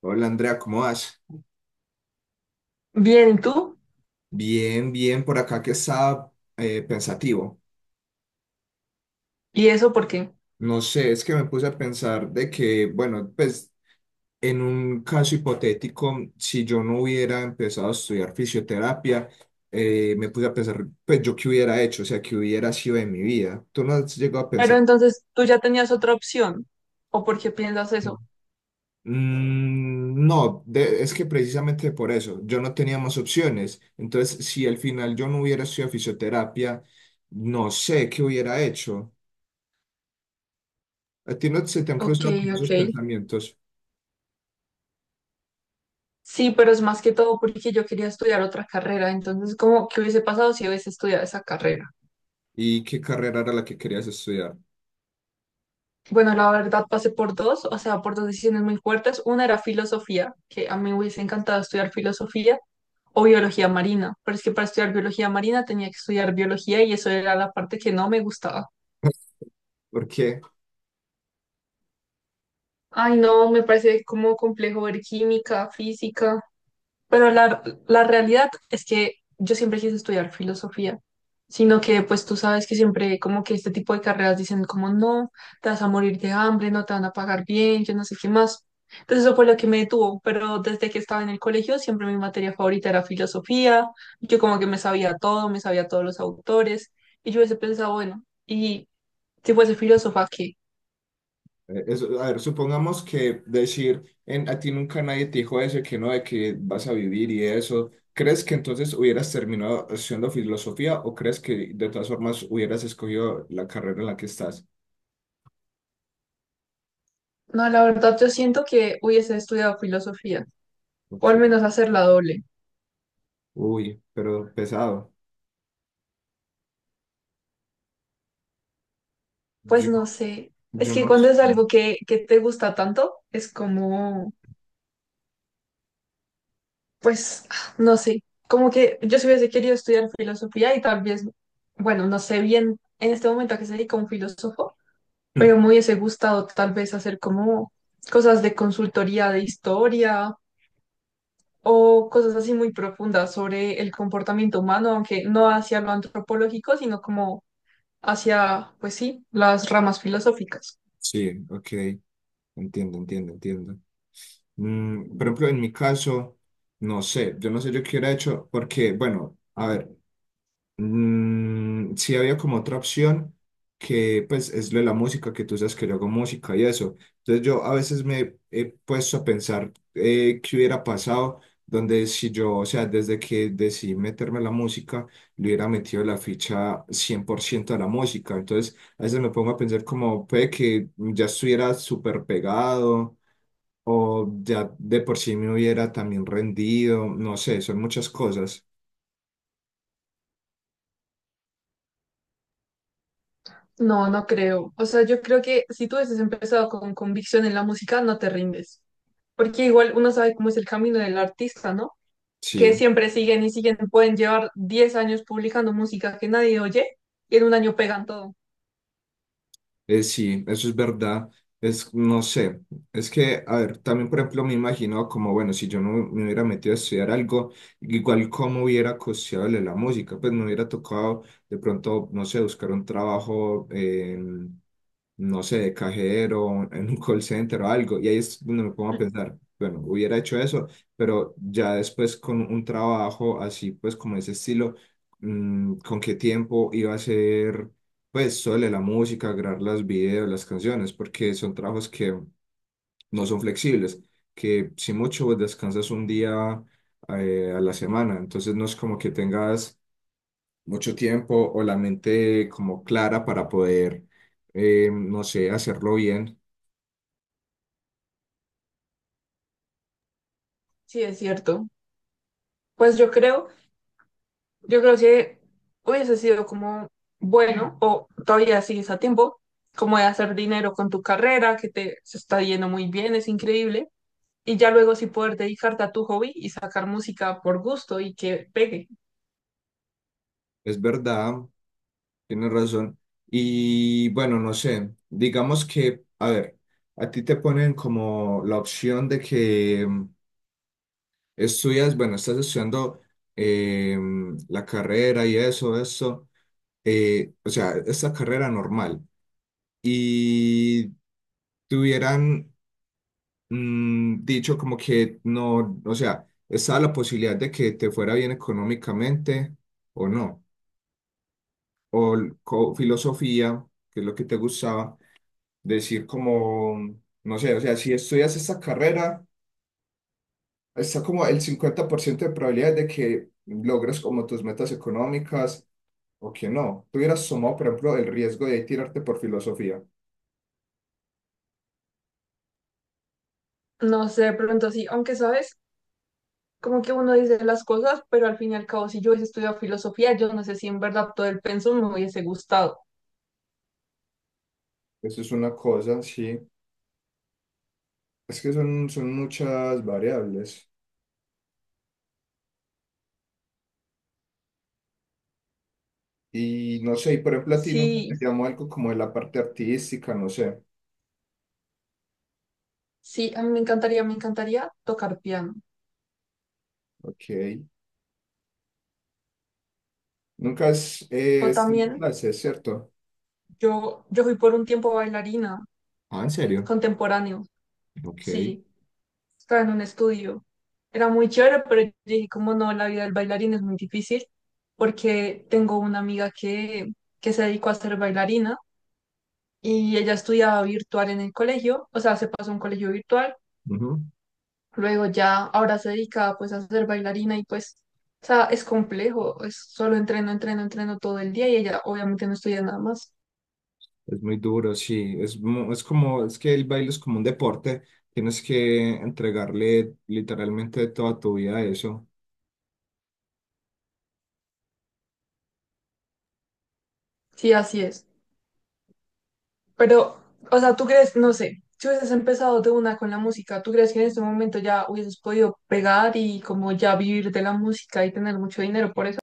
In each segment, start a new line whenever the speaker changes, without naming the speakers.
Hola Andrea, ¿cómo vas?
Bien, ¿y tú?
Bien, bien, por acá que estaba pensativo.
¿Y eso por qué?
No sé, es que me puse a pensar de que, bueno, pues en un caso hipotético, si yo no hubiera empezado a estudiar fisioterapia, me puse a pensar, pues yo qué hubiera hecho, o sea, qué hubiera sido de mi vida. ¿Tú no has llegado a
Pero
pensar?
entonces tú ya tenías otra opción. ¿O por qué piensas eso?
Mm, no, es que precisamente por eso, yo no tenía más opciones. Entonces, si al final yo no hubiera estudiado fisioterapia, no sé qué hubiera hecho. ¿A ti no se te han
Ok,
cruzado como esos
ok.
pensamientos?
Sí, pero es más que todo porque yo quería estudiar otra carrera. Entonces, ¿cómo qué hubiese pasado si hubiese estudiado esa carrera?
¿Y qué carrera era la que querías estudiar?
Bueno, la verdad pasé por dos, o sea, por dos decisiones muy fuertes. Una era filosofía, que a mí me hubiese encantado estudiar filosofía o biología marina, pero es que para estudiar biología marina tenía que estudiar biología y eso era la parte que no me gustaba.
Porque,
Ay, no, me parece como complejo ver química, física. Pero la realidad es que yo siempre quise estudiar filosofía, sino que pues tú sabes que siempre como que este tipo de carreras dicen como no, te vas a morir de hambre, no te van a pagar bien, yo no sé qué más. Entonces eso fue lo que me detuvo, pero desde que estaba en el colegio siempre mi materia favorita era filosofía, yo como que me sabía todo, me sabía todos los autores, y yo hubiese pensado, bueno, ¿y si fuese filósofa, qué?
eh, a ver, supongamos que decir, en, a ti nunca nadie te dijo eso, que no, de que vas a vivir y eso. ¿Crees que entonces hubieras terminado haciendo filosofía o crees que de todas formas hubieras escogido la carrera en la que estás?
No, la verdad yo siento que hubiese estudiado filosofía, o al
Ok.
menos hacerla doble.
Uy, pero pesado.
Pues
Yo,
no sé, es
yo
que
no
cuando
sé.
es algo que te gusta tanto, es como, pues, no sé, como que yo si hubiese querido estudiar filosofía y tal vez, bueno, no sé bien en este momento a qué se dedica un filósofo, pero me hubiese gustado tal vez hacer como cosas de consultoría de historia o cosas así muy profundas sobre el comportamiento humano, aunque no hacia lo antropológico, sino como hacia, pues sí, las ramas filosóficas.
Sí, ok. Entiendo, entiendo, entiendo. Mm, por ejemplo, en mi caso, no sé, yo no sé yo qué hubiera hecho, porque, bueno, a ver, mm, sí había como otra opción que pues es lo de la música, que tú sabes que yo hago música y eso. Entonces yo a veces me he puesto a pensar qué hubiera pasado, donde si yo, o sea, desde que decidí meterme a la música, le hubiera metido la ficha 100 por ciento a la música. Entonces a veces me pongo a pensar como puede que ya estuviera súper pegado o ya de por sí me hubiera también rendido, no sé, son muchas cosas.
No, no creo. O sea, yo creo que si tú hubieses empezado con convicción en la música, no te rindes. Porque igual uno sabe cómo es el camino del artista, ¿no? Que
Sí.
siempre siguen y siguen, pueden llevar 10 años publicando música que nadie oye y en un año pegan todo.
Sí, eso es verdad. Es, no sé, es que, a ver, también, por ejemplo, me imagino como, bueno, si yo no me hubiera metido a estudiar algo, igual cómo hubiera costeado la música, pues me hubiera tocado de pronto, no sé, buscar un trabajo en, no sé, de cajero, en un call center o algo, y ahí es donde me pongo a pensar, bueno, hubiera hecho eso, pero ya después con un trabajo así, pues como ese estilo, mm, ¿con qué tiempo iba a ser? Pues suele la música, grabar las videos, las canciones, porque son trabajos que no son flexibles, que si mucho vos descansas un día a la semana, entonces no es como que tengas mucho tiempo o la mente como clara para poder, no sé, hacerlo bien.
Sí, es cierto. Pues yo creo que hubiese sido como, bueno, o todavía sigues a tiempo, como de hacer dinero con tu carrera, que te se está yendo muy bien, es increíble. Y ya luego sí poder dedicarte a tu hobby y sacar música por gusto y que pegue.
Es verdad, tienes razón. Y bueno, no sé, digamos que, a ver, a ti te ponen como la opción de que estudias, bueno, estás estudiando eh, la carrera y eso, o sea, esta carrera normal. Y te hubieran mm, dicho como que no, o sea, estaba la posibilidad de que te fuera bien económicamente o no. O filosofía, que es lo que te gustaba, decir como, no sé, o sea, si estudias esta carrera, está como el 50 por ciento de probabilidad de que logres como tus metas económicas o que no. Tú hubieras tomado, por ejemplo, el riesgo de tirarte por filosofía.
No sé, de pronto sí, aunque sabes, como que uno dice las cosas, pero al fin y al cabo, si yo hubiese estudiado filosofía, yo no sé si en verdad todo el pensum me hubiese gustado.
Eso es una cosa, sí. Es que son, son muchas variables. Y no sé, y por ejemplo, a ti nunca te
Sí,
llamó algo como de la parte artística, no sé.
sí, a mí me encantaría tocar piano.
Ok. Nunca has
O también,
estudiado clases, ¿cierto?
yo fui por un tiempo bailarina
Ah, ¿en serio?
contemporáneo,
Ok.
sí. Estaba en un estudio. Era muy chévere, pero yo dije, como no, la vida del bailarín es muy difícil porque tengo una amiga que se dedicó a ser bailarina y ella estudiaba virtual en el colegio, o sea, se pasó a un colegio virtual,
Ujú.
luego ya ahora se dedica pues a ser bailarina y pues, o sea, es complejo, es solo entreno, entreno, entreno todo el día y ella obviamente no estudia nada más.
Es muy duro, sí. Es como, es que el baile es como un deporte. Tienes que entregarle literalmente toda tu vida a eso.
Sí, así es. Pero, o sea, ¿tú crees, no sé, si hubieses empezado de una con la música, tú crees que en este momento ya hubieses podido pegar y como ya vivir de la música y tener mucho dinero por eso?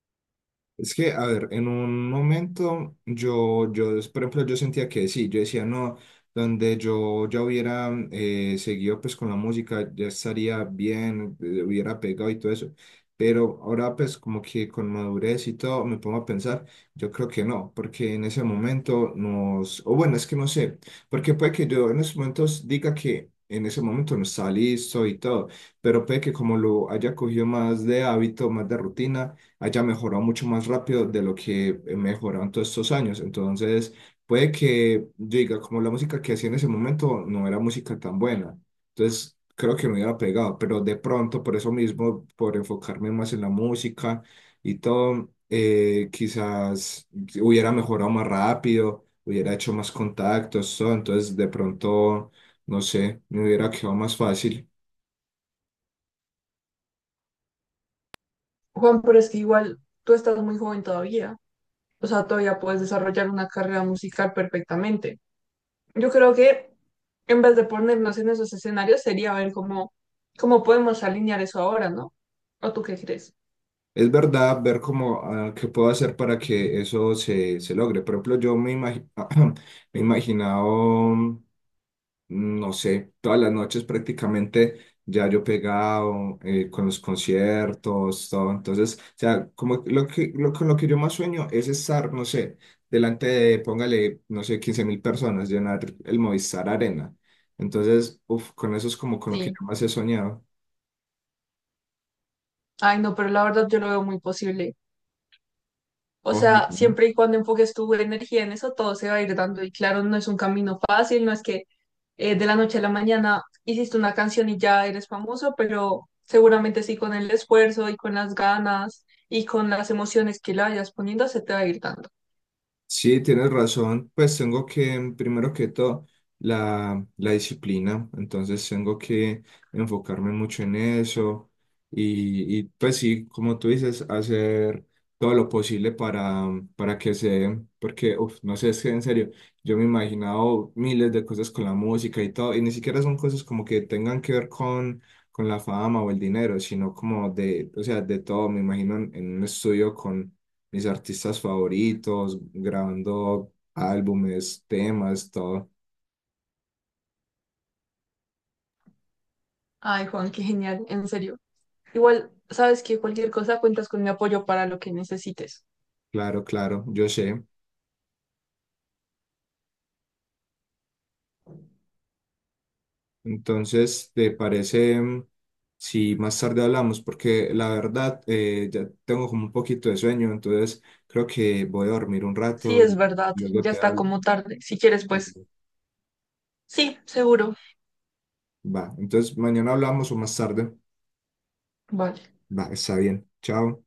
Es que, a ver, en un momento yo, por ejemplo, yo sentía que sí, yo decía, no, donde yo ya hubiera seguido pues con la música, ya estaría bien, hubiera pegado y todo eso. Pero ahora pues como que con madurez y todo me pongo a pensar, yo creo que no, porque en ese momento nos, o bueno, es que no sé, porque puede que yo en esos momentos diga que en ese momento no está listo y todo, pero puede que como lo haya cogido más de hábito, más de rutina haya mejorado mucho más rápido de lo que he mejorado en todos estos años. Entonces, puede que yo diga, como la música que hacía en ese momento no era música tan buena. Entonces, creo que me hubiera pegado, pero de pronto, por eso mismo, por enfocarme más en la música y todo, quizás hubiera mejorado más rápido, hubiera hecho más contactos, todo. Entonces, de pronto, no sé, me hubiera quedado más fácil.
Juan, pero es que igual tú estás muy joven todavía, o sea, todavía puedes desarrollar una carrera musical perfectamente. Yo creo que en vez de ponernos en esos escenarios sería ver cómo, cómo podemos alinear eso ahora, ¿no? ¿O tú qué crees?
Es verdad ver cómo, ah, qué puedo hacer para que eso se, se logre. Por ejemplo, me he imaginado, mm, no sé, todas las noches prácticamente ya yo pegado con los conciertos, todo. Entonces, o sea, como lo que, lo, con lo que yo más sueño es estar, no sé, delante de, póngale, no sé, 15 mil personas, llenar el Movistar Arena. Entonces, uf, con eso es como con lo que
Sí.
yo más he soñado.
Ay, no, pero la verdad yo lo veo muy posible. O
Ojalá.
sea,
¿No?
siempre y cuando enfoques tu energía en eso, todo se va a ir dando. Y claro, no es un camino fácil, no es que de la noche a la mañana hiciste una canción y ya eres famoso, pero seguramente sí con el esfuerzo y con las ganas y con las emociones que le vayas poniendo, se te va a ir dando.
Sí, tienes razón. Pues tengo que, mm, primero que todo, la disciplina. Entonces tengo que enfocarme mucho en eso. Y, pues sí, como tú dices, hacer todo lo posible para, mm, para que se dé. Porque, uf, no sé, es que en serio, yo me he imaginado miles de cosas con la música y todo. Y ni siquiera son cosas como que tengan que ver con la fama o el dinero, sino como de, o sea, de todo. Me imagino en un estudio con mis artistas favoritos, grabando álbumes, temas, todo.
Ay, Juan, qué genial, en serio. Igual, sabes que cualquier cosa cuentas con mi apoyo para lo que necesites.
Claro, claro, yo sé. Entonces, ¿te parece mm, si más tarde hablamos? Porque la verdad, ya tengo como un poquito de sueño, entonces creo que voy a dormir un
Sí,
rato
es
y
verdad,
luego
ya
te
está
hablo.
como tarde. Si quieres, pues sí, seguro.
Va, entonces mañana hablamos o más tarde.
Vale.
Va, está bien. Chao.